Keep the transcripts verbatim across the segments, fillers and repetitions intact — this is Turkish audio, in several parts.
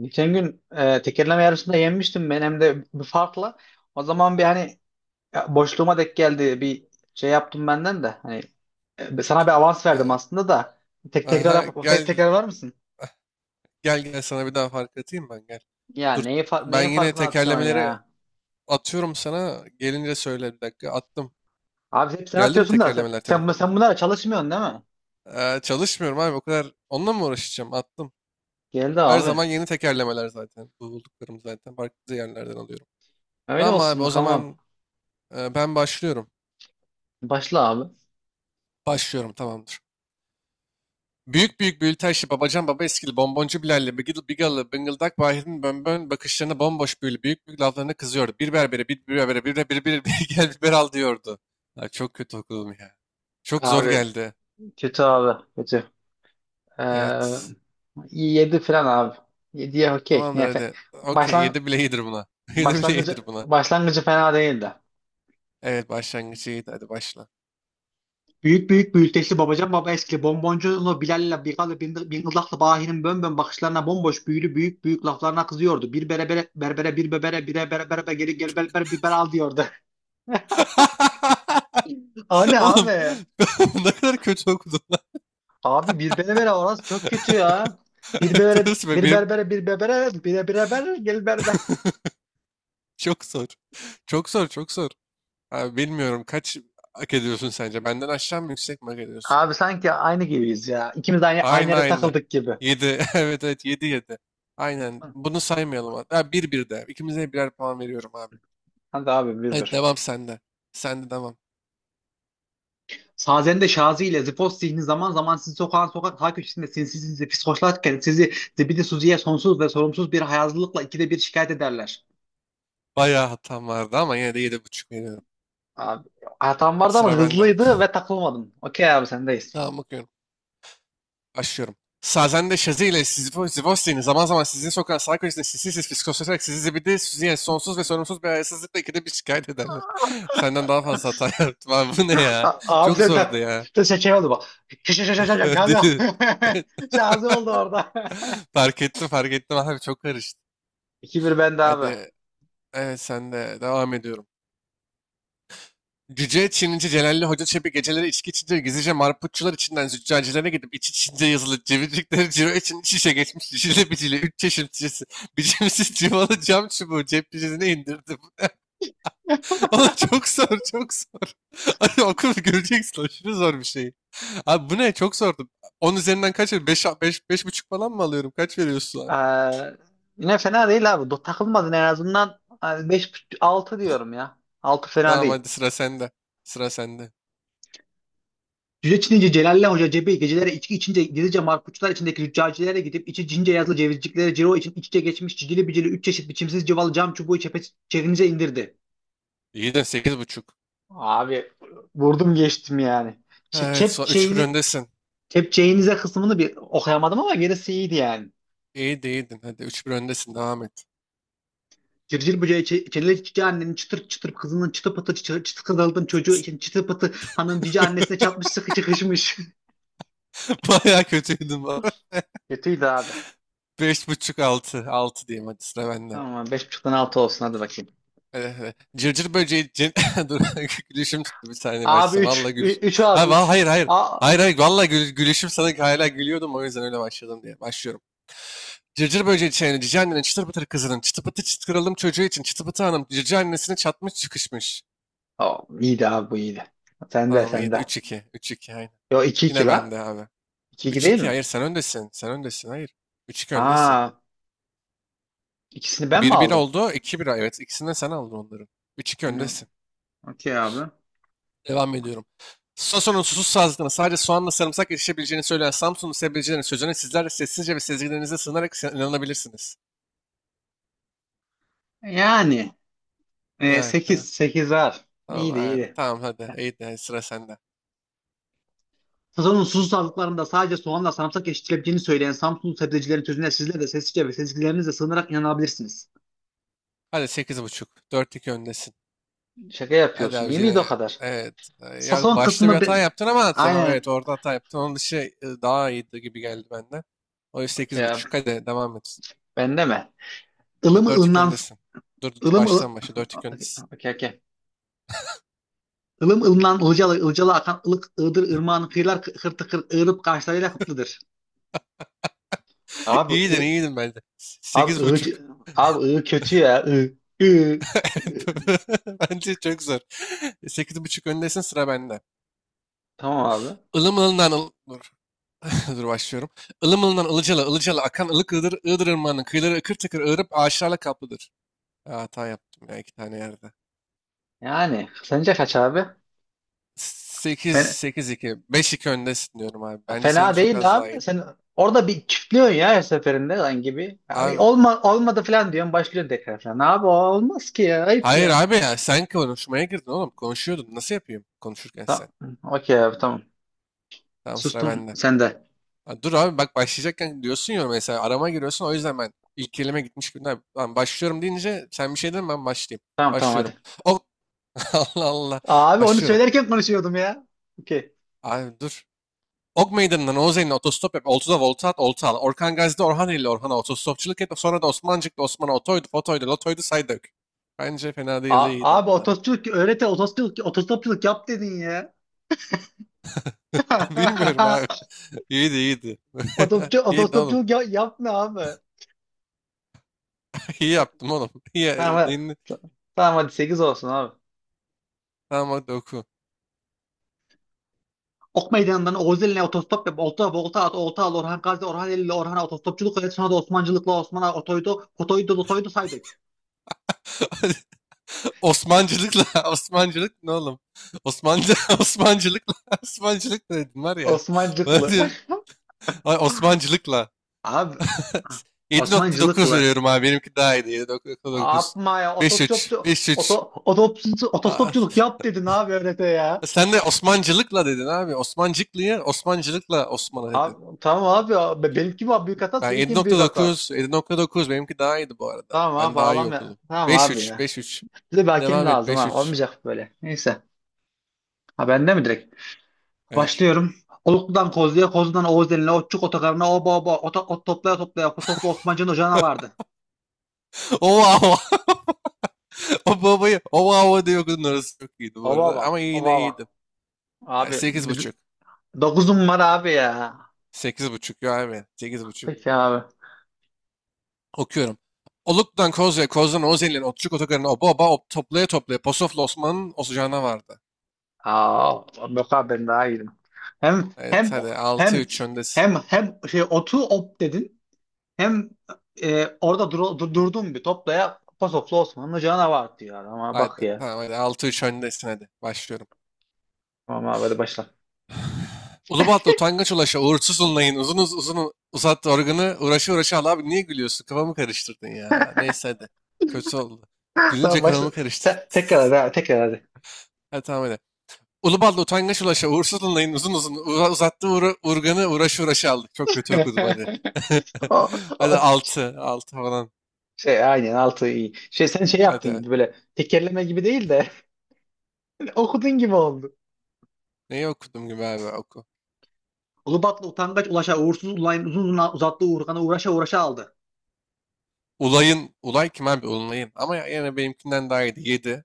Geçen gün e, tekerleme yarışında yenmiştim ben hem de bir farkla. O zaman bir hani e, boşluğuma denk geldi bir şey yaptım benden de. Hani e, sana bir avans verdim Eee, aslında da. Tek tekrar aha, yap tek gel tekrar var mısın? gel gel sana bir daha fark atayım ben gel. Ya Dur, neyi fa- ben neyin yine farkına atıyorsun tekerlemeleri ya? atıyorum sana. Gelince söyle bir dakika. Attım. Abi hep sen Geldi mi atıyorsun da sen, tekerlemeler sen, bu- sen telefonla? bunlara çalışmıyorsun değil mi? Eee, çalışmıyorum abi o kadar. Onunla mı uğraşacağım? Attım. Geldi Her abi. zaman yeni tekerlemeler zaten. Bu Bulduklarım zaten farklı yerlerden alıyorum. Öyle Tamam abi, olsun o bakalım. zaman eee, ben başlıyorum. Başla abi. Başlıyorum, tamamdır. Büyük büyük büyülü aşı babacan baba eskili bonboncu Bilal'le bigil bigalı bıngıldak Bahir'in bönbön bakışlarına bomboş büyülü büyük büyük laflarına kızıyordu. Bir berbere, bir berbere, bir de bir bir bir gel biber al diyordu. Ya, çok kötü okudum ya. Çok zor Abi geldi. kötü abi kötü. Ee, Evet. yedi falan abi. yediye okey. Tamamdır, Yine fe- hadi. Okey, başlan yedi bile iyidir buna. Yedi bile iyidir Başlangıcı buna. başlangıcı fena değildi. Evet, başlangıcı iyiydi, hadi başla. Büyük büyük büyüteçli babacan baba eski bonboncunlu Bilal'le Bigal'le Bin- Bingıllak'la Bahi'nin bönbön bakışlarına bomboş büyülü büyük büyük laflarına kızıyordu. Bir berebere berbere bir bebere bire bere berebe geri geri berber bir bere al diyordu. O ne Oğlum, abi? ne kadar kötü okudum lan. Abi bir berbere orası çok kötü ya. Bir berbere, Dur, bir benim berbere, bir berbere, bire bire ber, gel berber. çok zor. Çok zor, çok zor. Abi bilmiyorum, kaç hak ediyorsun sence? Benden aşağı mı, yüksek mi hak ediyorsun? Abi sanki aynı gibiyiz ya. İkimiz aynı, aynı Aynı yere aynı. takıldık gibi. Yedi. Evet evet, yedi yedi. Aynen. Hı. Bunu saymayalım abi. Ha, bir 1 de. İkimize birer puan veriyorum abi. Hadi abi bir Hadi, bir. devam sende. Sende devam. Sazende Şazi ile Zipos zihni zaman zaman sizi sokağın sokak ta köşesinde sinsi sinsi fiskoşlarken sizi zibidi suziye sonsuz ve sorumsuz bir hayazlılıkla ikide bir şikayet ederler. Bayağı hatam vardı ama yine de yedi buçuk veriyorum. Abi, hatam vardı ama Sıra benden. hızlıydı ve takılmadım. Okey abi sendeyiz. Tamam, bakıyorum. Başlıyorum. Sazen de Şazi ile Sizifo- Sivos'in zaman zaman sizi sokan sağ köşesine sinsi sinsi fiskoslaşarak sizi zibidi süzüye sonsuz ve sorumsuz bir hayasızlıkla ikide bir şikayet ederler. Senden daha fazla hata yaptım abi, bu ne ya? A- Abi Çok sen zordu tak... ya. Şey, şey oldu bak. Ş- ş- ş- ş- ş- Şazi. Deli. Şazi oldu orada. Fark ettim, fark ettim abi, çok karıştı. iki bir bende abi. Hadi, evet, sen de devam ediyorum. Cüce Çinici Celalli Hoca Çebi geceleri içki içince gizlice marputçular içinden züccacilere gidip iç içince yazılı cevizcikleri ciro için iç içe geçmiş şişeli biciyle üç çeşit şişesi biçimsiz civalı cam çubuğu cep cüzine indirdi. Oğlum çok zor, çok zor. Abi okur göreceksin, aşırı zor bir şey. Abi bu ne, çok zordu. On üzerinden kaç veriyorsun? Beş beş beş buçuk falan mı alıyorum? Kaç veriyorsun Ee, abi? yine fena değil abi. Do- Takılmadın en azından. Hani beş altı diyorum ya. Altı fena Tamam, değil. hadi sıra sende. Sıra sende. Cüce Çinince Celalle Hoca cebi gecelere içki içince gizlice marpuçlar içindeki züccacilere gidip içi cince yazılı cevizciklere ciro için iç içe geçmiş cicili bicili üç çeşit biçimsiz cıvalı cam çubuğu çepe, çevinize indirdi. İyi de sekiz buçuk. Abi vurdum geçtim yani. Ç- Evet, so üç bir Kepçeğini, öndesin. kepçeğinize kısmını bir okuyamadım ama gerisi iyiydi yani. İyiydi, iyiydin. Hadi, üç bir öndesin. Devam et. Cırcır böceği, çe- çeleli cici annenin çıtır çıtır kızının çıtı pıtı çıtı, çıtı kızaldın çocuğu için çıtı pıtı hanım cici annesine çatmış sıkı çıkışmış. Bayağı kötüydüm baba. Kötüydü abi. Beş buçuk, altı. Altı diyeyim, hadi sıra benden. Tamam beş buçuktan altı olsun hadi bakayım. Hadi, hadi. Cırcır böceği cin... Dur, gülüşüm tuttu, bir saniye Abi başlayacağım. Valla üç gülüş. üç Ha, abi va- üç. Hayır hayır. Aa, Hayır hayır, valla gül- gülüşüm sana, hala gülüyordum, o yüzden öyle başladım diye. Başlıyorum. Cırcır böceği çiğnedi cici annenin çıtır pıtır kızının çıtı pıtı çıt kralım çocuğu için çıtı pıtı hanım cici annesine çatmış çıkışmış. aa, iyiydi abi bu iyiydi. Sende Tamam, iyiydi, sende. üç iki, üç iki, aynen. Yo iki 2 Yine la. bende abi. İki 2 Üç değil iki, mi? hayır, sen öndesin, sen öndesin, hayır. Üç iki öndesin. Aa, ikisini ben mi Bir bir aldım? oldu. İki bir, evet. İkisini de sen aldın onların. Üç iki Hı, öndesin. okey abi. Devam ediyorum. Sason'un susuz sağlıklarına sadece soğanla sarımsak yetişebileceğini söyleyen Samsun'un sebzecilerin sözüne sizler de sessizce ve sezgilerinize sığınarak sen- inanabilirsiniz. Yani e, Yani, ha. sekiz. sekiz abi. Tamam, İyiydi aynen. iyiydi. Tamam, hadi. İyi de sıra sende. Sazon'un susuz sağlıklarında sadece soğanla sarımsak yetiştirebileceğini söyleyen Samsunlu sebzecilerin sözüne sizler de sessizce ve sezgilerinizle sığınarak inanabilirsiniz. Hadi, sekiz buçuk, dört iki öndesin. Şaka Hadi yapıyorsun. abi, İyi miydi yine o kadar? evet. e, Ya, Sazon başta bir kısmı hata be... yaptın ama tamam, evet, Aynen. orada hata yaptın. Onun dışı e, daha iyiydi gibi geldi benden. O yüzden sekiz Okey abi. buçuk, hadi devam et. Bende mi? Ilımı Dört iki ılınan öndesin. Dur dur dur, Ilım ıl... baştan başa dört iki öndesin. Okey, okey. Ilım ılımdan ılcalı, ılcalı akan ılık ığdır ırmağın kıyılar kı- hırtı kır tıkır ığırıp karşılarıyla kıtlıdır. Abi İyiydin, ı, iyiydin bence. abi Sekiz ığ, buçuk. abi ığ kötü ya ığ, ığ. Evet, doğru. Bence çok zor. Sekiz buçuk öndesin, sıra bende. Tamam abi. Ilım ılından ıl... Dur, dur, başlıyorum. Ilım ılından ılıcalı, ılıcalı akan ılık ığdır, ığdır ırmağının kıyıları ıkır tıkır ığırıp ağaçlarla kaplıdır. Ya, hata yaptım ya iki tane yerde. Yani sence kaç abi? Sekiz, Fena, sekiz iki. Beş iki öndesin diyorum abi. Bence fena seninki çok değil az daha abi. iyi. Sen orada bir çiftliyorsun ya her seferinde lan gibi. Abi Abi, olma, olmadı falan diyorsun başlıyorsun tekrar falan. Abi o olmaz ki ya ayıp hayır ya. abi, ya sen konuşmaya girdin oğlum. Konuşuyordun. Nasıl yapayım konuşurken Tamam. sen? Okey abi tamam. Tamam, sıra Sustum bende. sen de. Ha, dur abi, bak başlayacakken diyorsun ya, mesela arama giriyorsun, o yüzden ben ilk kelime gitmiş gibi. "Lan ben başlıyorum" deyince sen bir şey deme, ben başlayayım. Tamam tamam Başlıyorum. hadi. Ok Allah Allah. Abi onu Başlıyorum. söylerken konuşuyordum ya. Okey. Abi dur. Ok Meydanı'ndan Oğuzeli'ne otostop yap. Oltu'da volta at, olta al. Orkan Gazi'de Orhaneli ile Orhan'a otostopçuluk et. Sonra da Osmancık'ta Osman'a otoydu, fotoydu, lotoydu, say dök. Bence fena değil, A- iyiydi Abi hatta. otostopçuluk öğrete otostopçuluk, otostopçuluk yap dedin ya. Bilmiyorum abi. İyiydi, iyiydi. Otostopçu, İyiydi oğlum. otostopçuluk ya- yapma abi. İyi yaptım oğlum. İyi. Tamam, Neyini? hadi. Tamam hadi sekiz olsun abi. Tamam, hadi oku. Ok meydanından Oğuz eline otostop yap. Olta, volta at, olta al. Orhan Gazi, Orhan Eli'yle Orhan'a otostopçuluk öğret. Sonra da Osmancılıkla Osman'a otoydu, otoydu, otoydu saydık. Osmancılıkla Osmancılık ne oğlum? Osmancı Osmancılıkla Osmancılık ne dedin var ya. Bana Osmancılıklı. diyor, "Ay, Osmancılıkla" Abi. yedi nokta dokuz Osmancılıklı. veriyorum abi. Benimki daha iyiydi. yedi nokta dokuz. Yapma ya beş virgül üç, otostopçu oto, beş virgül üç. otostopçu- Aa, otostopçuluk yap dedin abi öğrete ya. sen de Osmancılıkla dedin abi. Osmancıklı'yı Osmancılıkla Osman'a dedin. Abi, tamam abi. Abi. Benimki mi abi büyük hata? Ben Seninki mi büyük hata? yedi nokta dokuz, yedi nokta dokuz, benimki daha iyiydi bu arada. Tamam Ben abi daha iyi ağlama ya. okudum. Tamam abi beş virgül üç, ya. beş virgül üç. Bize bir hakem Devam et, lazım ha. beş virgül üç. Olmayacak böyle. Neyse. Ha bende mi direkt? Evet. Başlıyorum. Oluklu'dan Kozlu'ya, Kozlu'dan Oğuz Elin'e, Otçuk Otokarı'na, oba oba, ota, ot toplaya toplaya, Kosoflu Osmancı'nın ocağına vardı. Oh wow. O babayı o hava diye okudun, orası çok iyiydi bu Oba arada. oba, Ama oba yine oba. iyiydi. Yani Abi, sekiz bir, buçuk. dokuzum var abi ya. Sekiz buçuk ya abi. Sekiz buçuk. Peki abi. Okuyorum. Oluk'tan Kozya, Koz'dan Ozel'in, Otçuk Otogar'ın, o baba, o Toplaya Toplaya, Posof'la Osman'ın Osucağına vardı. Aa, yok abi ben daha iyiydim. Hem, Evet, hem, hadi altı hem, üç öndesin. hem, hem şey otu op dedin. Hem e, orada dur, dur- durduğum bir toplaya Pasoflu Osmanlı canavar var diyor. Ama bak Hadi ya. tamam, hadi altı üç öndesin, hadi. Başlıyorum. Tamam abi hadi başla. Ulubatlı utangaç ulaşa uğursuz unlayın. Uzun uz- uzun uzattı organı uğraşı uğraşı al, abi niye gülüyorsun? Kafamı karıştırdın ya. Neyse hadi. Kötü oldu. Gülünce Tamam başla. kafamı karıştırdın. Te- tekrar hadi. Abi, tekrar hadi. Hadi tamam, hadi. Ulubal'da utangaç ulaşa uğursuz Luna'nın uzun uzun uza- uzattığı uğra- urganı uğraşı uğraşı aldık. Çok kötü okudum, hadi. O- Hadi, o- altı altı falan. şey, aynen altı iyi. Şey sen şey yaptın Hadi. gibi böyle tekerleme gibi değil de okudun gibi oldu. Neyi okudum gibi abi, oku. Ulubatlı utangaç ulaşa uğursuz ulayın uzun uzun uzattığı Uğurkan'a uğraşa uğraşa aldı. Ulay'ın. Ulay kim abi? Ulay'ın. Ama ya- yine benimkinden daha iyiydi. yedi.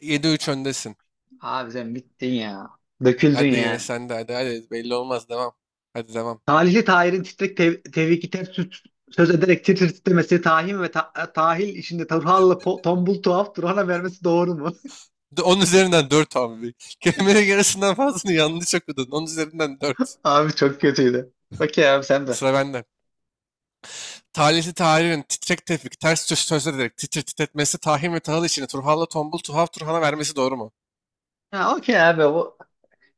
yedi üç A- öndesin. Abi sen bittin ya. Döküldün Hadi yine yani. sen de, hadi hadi. Belli olmaz. Devam. Hadi devam. Talihli Tahir'in titrek tev tevhiki ters tut- söz ederek titri titremesi, tahin ve ta tahil içinde Turhal'la po- tombul tuhaf Turhan'a vermesi doğru mu? De- on üzerinden dört abi. Kelimenin yarısından fazlasını yanlış okudun. On üzerinden dört. Abi çok kötüydü. Okey abi sen de. Sıra bende. Talihli Tahir'in titrek tevfik ters söz sözler ederek titir titretmesi Tahir ve Tahıl işini Turhal'la Tombul Tuhaf Turhan'a vermesi doğru mu? Ha, okey abi. O,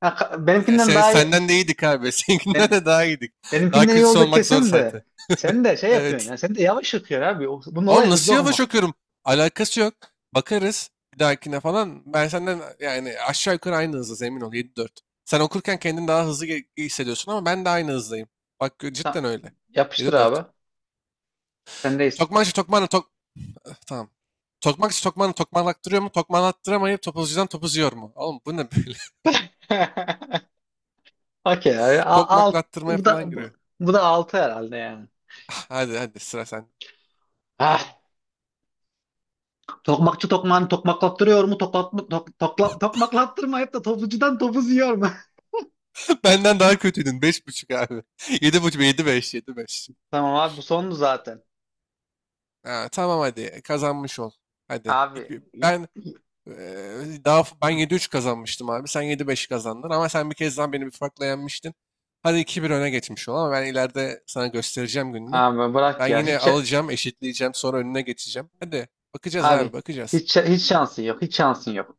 ha, ka- E, benimkinden sen, daha iyi. senden de iyiydik abi. Seninkinden ben- de daha iyiydik. Daha Benimkinden iyi kötüsü oldu olmak zor kesin zaten. de. Sen de şey yapıyorsun Evet. ya. Sen de yavaş okuyorsun abi. O- Bunun Oğlum olayı hızlı nasıl yavaş okuma. okuyorum? Alakası yok. Bakarız bir dahakine falan. Ben senden, yani aşağı yukarı aynı hızdayız, emin ol, yedi dört. Sen okurken kendini daha hızlı ge- hissediyorsun ama ben de aynı hızdayım. Bak, cidden Tamam. öyle. Yapıştır yedi dört. abi. Sendeyiz. Tokmanca Tokman'la Tok... Eh, tamam. Tokmak iş tokmağını tokmaklattırıyor mu? Tokmaklattıramayıp topuzcudan topuz yiyor mu? Oğlum bu ne böyle? Okey abi. A- Alt, Tokmaklattırmaya bu falan da bu, giriyor. bu da altı herhalde yani. Ah, hadi hadi, sıra sen. Ah. Tokmakçı tokmağını tokmaklattırıyor mu? Toklatma, tok, tokla, tokmaklattırmayıp da topucudan topuz yiyor mu? Benden daha kötüydün. Beş buçuk abi. Yedi buçuk. Yedi beş. Yedi beş. Tamam abi bu sondu zaten. Ha, tamam hadi. Kazanmış ol. Hadi. Abi, İki- ben eee, daha f- ben yedi üç kazanmıştım abi. Sen yedi beş kazandın ama sen bir kez daha beni bir farkla yenmiştin. Hadi iki bir öne geçmiş ol ama ben ileride sana göstereceğim gününü. abi Ben bırak ya. yine Hiç alacağım, eşitleyeceğim, sonra önüne geçeceğim. Hadi bakacağız abi, abi hiç bakacağız. hiç şansın yok. Hiç şansın yok.